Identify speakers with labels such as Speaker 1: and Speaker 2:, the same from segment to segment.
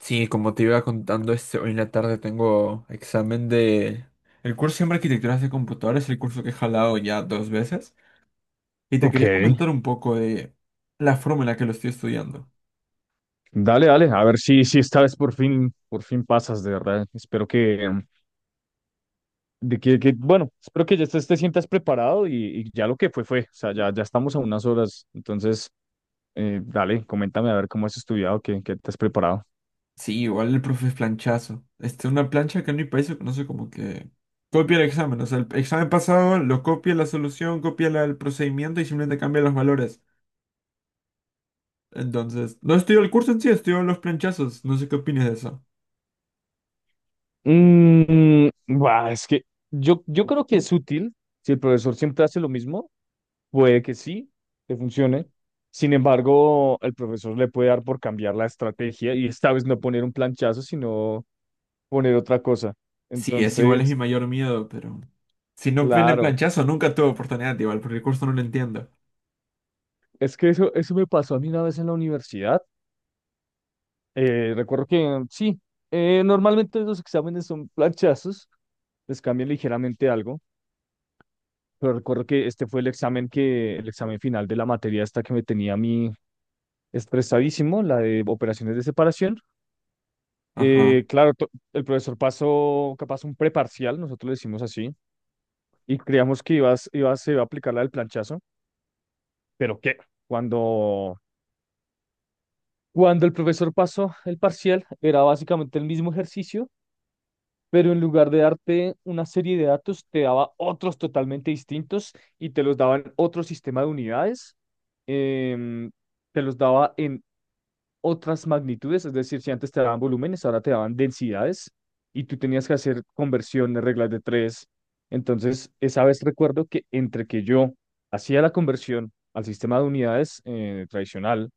Speaker 1: Sí, como te iba contando, hoy en la tarde tengo examen de. El curso se llama Arquitecturas de Computadores, el curso que he jalado ya dos veces. Y te
Speaker 2: Ok,
Speaker 1: quería comentar un poco de la forma en la que lo estoy estudiando.
Speaker 2: dale, dale, a ver si esta vez por fin pasas, de verdad. Espero que, de que, bueno, espero que ya estés te sientas preparado y ya lo que fue, fue. O sea, ya estamos a unas horas. Entonces, dale, coméntame a ver cómo has estudiado, qué te has preparado.
Speaker 1: Sí, igual el profe es planchazo. Una plancha que en mi país se conoce como que copia el examen. O sea, el examen pasado lo copia la solución, copia el procedimiento y simplemente cambia los valores. Entonces, no estudio el curso en sí, estudio los planchazos. No sé qué opinas de eso.
Speaker 2: Bah, es que yo creo que es útil. Si el profesor siempre hace lo mismo, puede que sí, te funcione. Sin embargo, el profesor le puede dar por cambiar la estrategia y esta vez no poner un planchazo, sino poner otra cosa.
Speaker 1: Sí, es igual, es mi
Speaker 2: Entonces,
Speaker 1: mayor miedo, pero. Si no viene
Speaker 2: claro,
Speaker 1: planchazo, nunca tuve oportunidad igual, porque el curso no lo entiendo.
Speaker 2: es que eso me pasó a mí una vez en la universidad. Recuerdo que sí, normalmente los exámenes son planchazos, les cambian ligeramente algo, pero recuerdo que este fue el examen el examen final de la materia esta que me tenía a mí estresadísimo, la de operaciones de separación.
Speaker 1: Ajá,
Speaker 2: Claro, el profesor pasó capaz un preparcial, nosotros le decimos así, y creíamos que se iba a aplicar la del planchazo, pero que cuando cuando el profesor pasó el parcial, era básicamente el mismo ejercicio, pero en lugar de darte una serie de datos, te daba otros totalmente distintos y te los daba en otro sistema de unidades, em, te los daba en otras magnitudes, es decir, si antes te daban volúmenes, ahora te daban densidades y tú tenías que hacer conversiones, reglas de tres. Entonces, esa vez recuerdo que entre que yo hacía la conversión al sistema de unidades tradicional,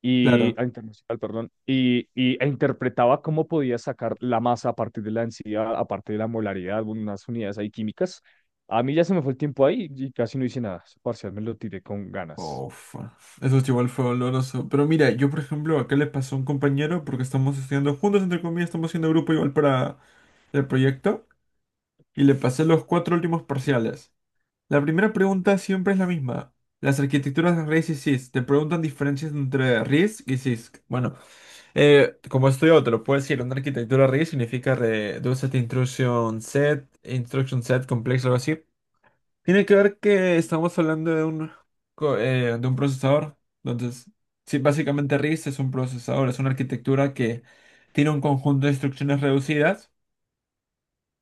Speaker 2: y
Speaker 1: claro.
Speaker 2: a internacional, perdón, e interpretaba cómo podía sacar la masa a partir de la densidad, a partir de la molaridad, unas unidades ahí químicas. A mí ya se me fue el tiempo ahí y casi no hice nada. Ese parcial me lo tiré con ganas.
Speaker 1: Uf, eso es igual fue doloroso. Pero mira, yo por ejemplo, acá le pasó a un compañero, porque estamos estudiando juntos, entre comillas, estamos haciendo grupo igual para el proyecto, y le pasé los cuatro últimos parciales. La primera pregunta siempre es la misma. Las arquitecturas de RISC y CISC te preguntan diferencias entre RISC y CISC. Bueno, como estudio, te lo puedo decir, una arquitectura RISC significa Reduced Instruction Set, Instruction Set Complex, algo así. Tiene que ver que estamos hablando de un procesador. Entonces, sí, básicamente RISC es un procesador, es una arquitectura que tiene un conjunto de instrucciones reducidas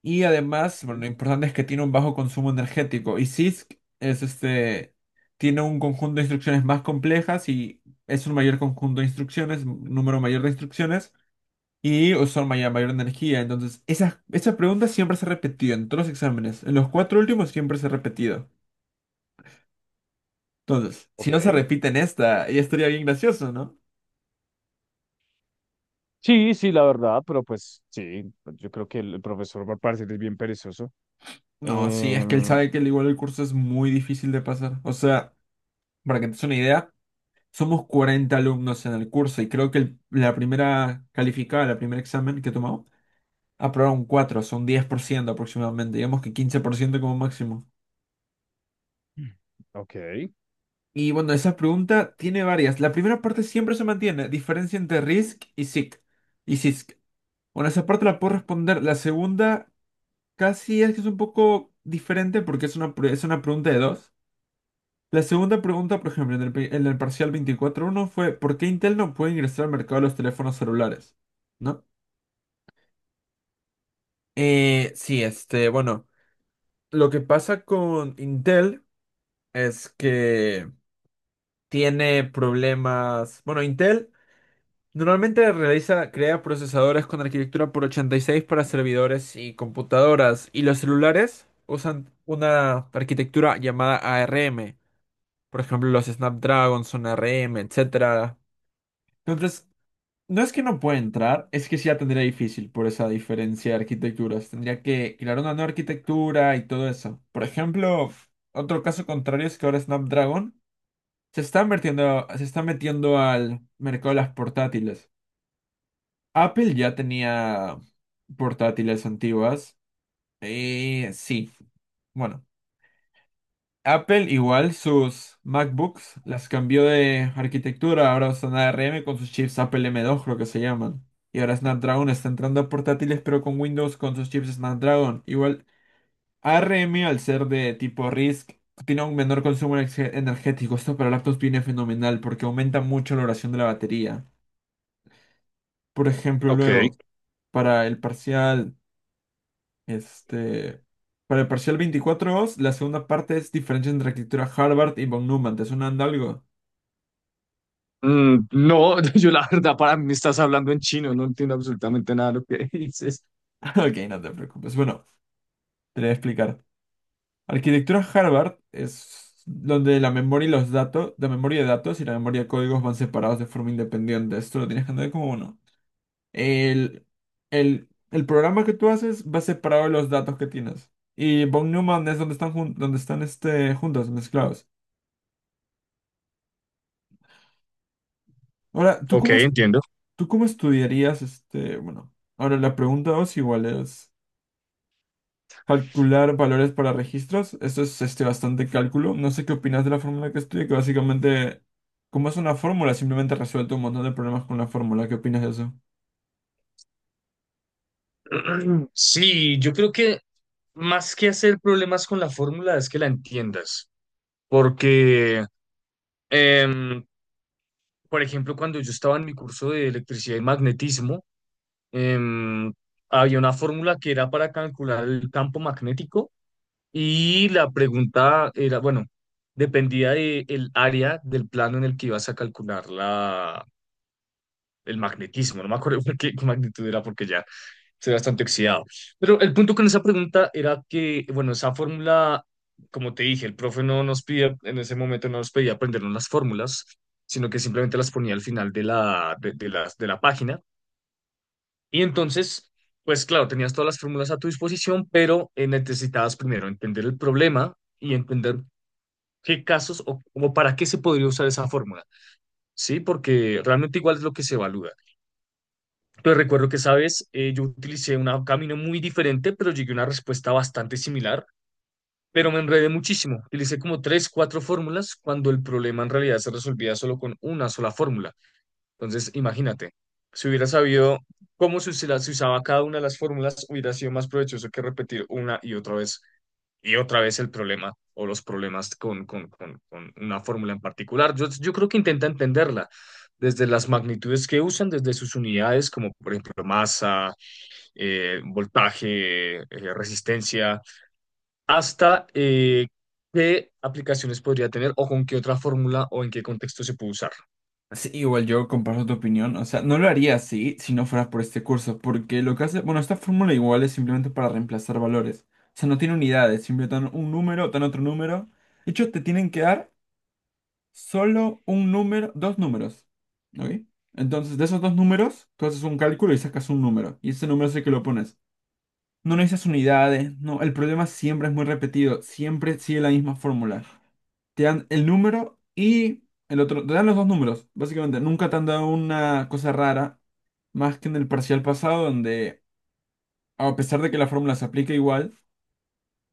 Speaker 1: y además, bueno,
Speaker 2: Ok.
Speaker 1: lo importante es que tiene un bajo consumo energético. Y CISC es tiene un conjunto de instrucciones más complejas y es un mayor conjunto de instrucciones, un número mayor de instrucciones y usaron mayor, mayor energía. Entonces, esas preguntas siempre se repetían en todos los exámenes. En los cuatro últimos siempre se ha repetido. Entonces, si no se
Speaker 2: Ok.
Speaker 1: repite en esta, ya estaría bien gracioso, ¿no?
Speaker 2: Sí, sí, la verdad, pero pues sí, yo creo que el profesor va a parecer es bien perezoso.
Speaker 1: No, sí, es que él
Speaker 2: Em,
Speaker 1: sabe que al igual el curso es muy difícil de pasar. O sea, para que te des una idea, somos 40 alumnos en el curso y creo que la primer examen que tomamos, aprobaron 4 son 10% aproximadamente, digamos que 15% como máximo.
Speaker 2: ok.
Speaker 1: Y bueno, esa pregunta tiene varias. La primera parte siempre se mantiene, diferencia entre RISC y SIC. Y CISC. Bueno, esa parte la puedo responder. La segunda casi es que es un poco diferente porque es una pregunta de dos. La segunda pregunta, por ejemplo, en el parcial 24-1 fue: ¿por qué Intel no puede ingresar al mercado de los teléfonos celulares? ¿No? Sí, bueno, lo que pasa con Intel es que tiene problemas. Bueno, Intel normalmente realiza, crea procesadores con arquitectura x86 para servidores y computadoras, y los celulares usan una arquitectura llamada ARM. Por ejemplo, los Snapdragon son ARM, etcétera. Entonces, no es que no pueda entrar, es que sí la tendría difícil por esa diferencia de arquitecturas. Tendría que crear una nueva arquitectura y todo eso. Por ejemplo, otro caso contrario es que ahora Snapdragon se está metiendo al mercado de las portátiles. Apple ya tenía portátiles antiguas. Sí. Bueno, Apple igual sus MacBooks las cambió de arquitectura. Ahora usan ARM con sus chips Apple M2, creo que se llaman. Y ahora Snapdragon está entrando a portátiles, pero con Windows con sus chips Snapdragon. Igual ARM, al ser de tipo RISC, tiene un menor consumo energético. Esto para laptops viene fenomenal porque aumenta mucho la duración de la batería. Por ejemplo,
Speaker 2: Ok.
Speaker 1: luego, para el parcial. Este, para el parcial 24 os, la segunda parte es diferencia entre arquitectura Harvard y von Neumann. ¿Te suena de algo?
Speaker 2: Mm, no, yo la verdad, para mí me estás hablando en chino, no entiendo absolutamente nada de lo que dices.
Speaker 1: Ok, no te preocupes. Bueno, te lo voy a explicar. Arquitectura Harvard es donde la memoria y los datos, la memoria de datos y la memoria de códigos van separados de forma independiente. Esto lo tienes que entender como uno. El, el programa que tú haces va separado de los datos que tienes. Y von Neumann es donde están, juntos, mezclados. Ahora, ¿tú
Speaker 2: Ok,
Speaker 1: cómo
Speaker 2: entiendo.
Speaker 1: ¿Tú cómo estudiarías bueno, ahora la pregunta dos igual es calcular valores para registros? Esto es bastante cálculo. No sé qué opinas de la fórmula que estudié, que básicamente, como es una fórmula, simplemente resuelto un montón de problemas con la fórmula. ¿Qué opinas de eso?
Speaker 2: Sí, yo creo que más que hacer problemas con la fórmula es que la entiendas, porque, em, por ejemplo, cuando yo estaba en mi curso de electricidad y magnetismo, em, había una fórmula que era para calcular el campo magnético y la pregunta era, bueno, dependía de el área del plano en el que ibas a calcular la, el magnetismo. No me acuerdo qué magnitud era porque ya. Estoy bastante oxidado. Pero el punto con esa pregunta era que, bueno, esa fórmula, como te dije, el profe no nos pide, en ese momento no nos pedía aprendernos las fórmulas, sino que simplemente las ponía al final de de la página. Y entonces, pues claro, tenías todas las fórmulas a tu disposición, pero necesitabas primero entender el problema y entender qué casos o para qué se podría usar esa fórmula, ¿sí? Porque realmente igual es lo que se evalúa. Pues recuerdo que, sabes, yo utilicé un camino muy diferente, pero llegué a una respuesta bastante similar, pero me enredé muchísimo. Utilicé como tres, cuatro fórmulas cuando el problema en realidad se resolvía solo con una sola fórmula. Entonces, imagínate, si hubiera sabido cómo se usaba cada una de las fórmulas, hubiera sido más provechoso que repetir una y otra vez el problema o los problemas con una fórmula en particular. Yo creo que intenta entenderla desde las magnitudes que usan, desde sus unidades, como por ejemplo masa voltaje, resistencia, hasta qué aplicaciones podría tener o con qué otra fórmula o en qué contexto se puede usar.
Speaker 1: Sí, igual yo comparto tu opinión. O sea, no lo haría así si no fueras por este curso, porque lo que hace, bueno, esta fórmula igual es simplemente para reemplazar valores. O sea, no tiene unidades, simplemente dan un número, dan otro número. De hecho, te tienen que dar solo un número, dos números. ¿Ok? Entonces, de esos dos números, tú haces un cálculo y sacas un número. Y ese número es el que lo pones. No necesitas unidades, no. El problema siempre es muy repetido. Siempre sigue la misma fórmula. Te dan el número y el otro. Te dan los dos números, básicamente. Nunca te han dado una cosa rara. Más que en el parcial pasado, donde a pesar de que la fórmula se aplica igual,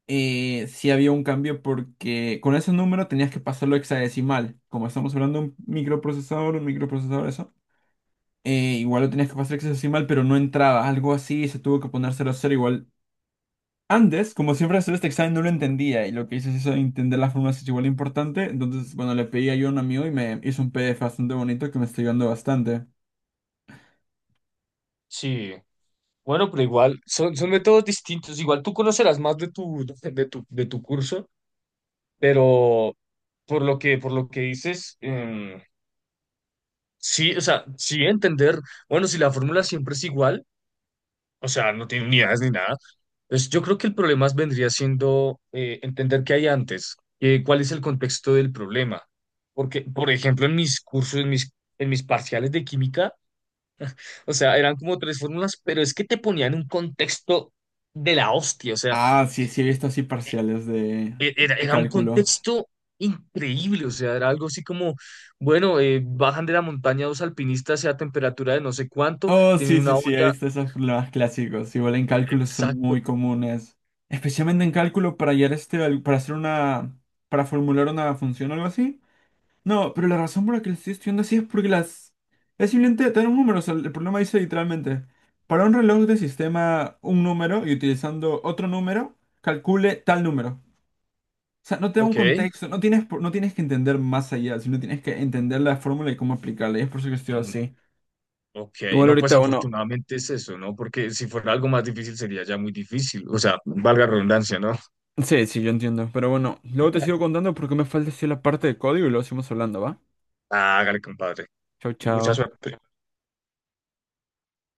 Speaker 1: sí había un cambio porque con ese número tenías que pasarlo a hexadecimal. Como estamos hablando de un microprocesador, eso. Igual lo tenías que pasar a hexadecimal, pero no entraba. Algo así, se tuvo que poner cero a 0 igual. Antes, como siempre hacer este examen, no lo entendía. Y lo que hice es eso, entender las fórmulas es igual importante. Entonces, bueno, le pedí ayuda a un amigo y me hizo un PDF bastante bonito que me está ayudando bastante.
Speaker 2: Sí, bueno, pero igual son, son métodos distintos. Igual tú conocerás más de de tu curso, pero por lo que dices, sí, o sea, sí entender, bueno, si la fórmula siempre es igual. O sea, no tiene unidades ni nada. Entonces, yo creo que el problema vendría siendo entender qué hay antes, cuál es el contexto del problema. Porque, por ejemplo, en mis cursos, en mis parciales de química, o sea, eran como tres fórmulas, pero es que te ponían un contexto de la hostia, o sea,
Speaker 1: Ah, sí, sí, he visto así parciales de, de
Speaker 2: era un
Speaker 1: cálculo.
Speaker 2: contexto increíble, o sea, era algo así como, bueno, bajan de la montaña dos alpinistas a temperatura de no sé cuánto,
Speaker 1: Oh,
Speaker 2: tienen
Speaker 1: sí, sí,
Speaker 2: una
Speaker 1: sí, he
Speaker 2: olla,
Speaker 1: visto esos problemas clásicos. Igual en cálculo son
Speaker 2: exacto,
Speaker 1: muy comunes. Especialmente en cálculo para hallar para hacer una, para formular una función o algo así. No, pero la razón por la que lo estoy estudiando así es porque es simplemente tener un número. O sea, el problema dice literalmente, para un reloj de sistema un número y utilizando otro número, calcule tal número. O sea, no te da un
Speaker 2: ok.
Speaker 1: contexto, no tienes que entender más allá, sino tienes que entender la fórmula y cómo aplicarla. Y es por eso que estoy
Speaker 2: Mm,
Speaker 1: así.
Speaker 2: ok,
Speaker 1: Igual
Speaker 2: no, pues
Speaker 1: ahorita, bueno.
Speaker 2: afortunadamente es eso, ¿no? Porque si fuera algo más difícil sería ya muy difícil. O sea, valga la redundancia, ¿no?
Speaker 1: Sí, sí, yo entiendo. Pero bueno, luego te sigo contando porque me falta decir la parte de código y luego seguimos hablando, ¿va?
Speaker 2: Ah, hágale, compadre.
Speaker 1: Chao,
Speaker 2: Mucha
Speaker 1: chao.
Speaker 2: suerte.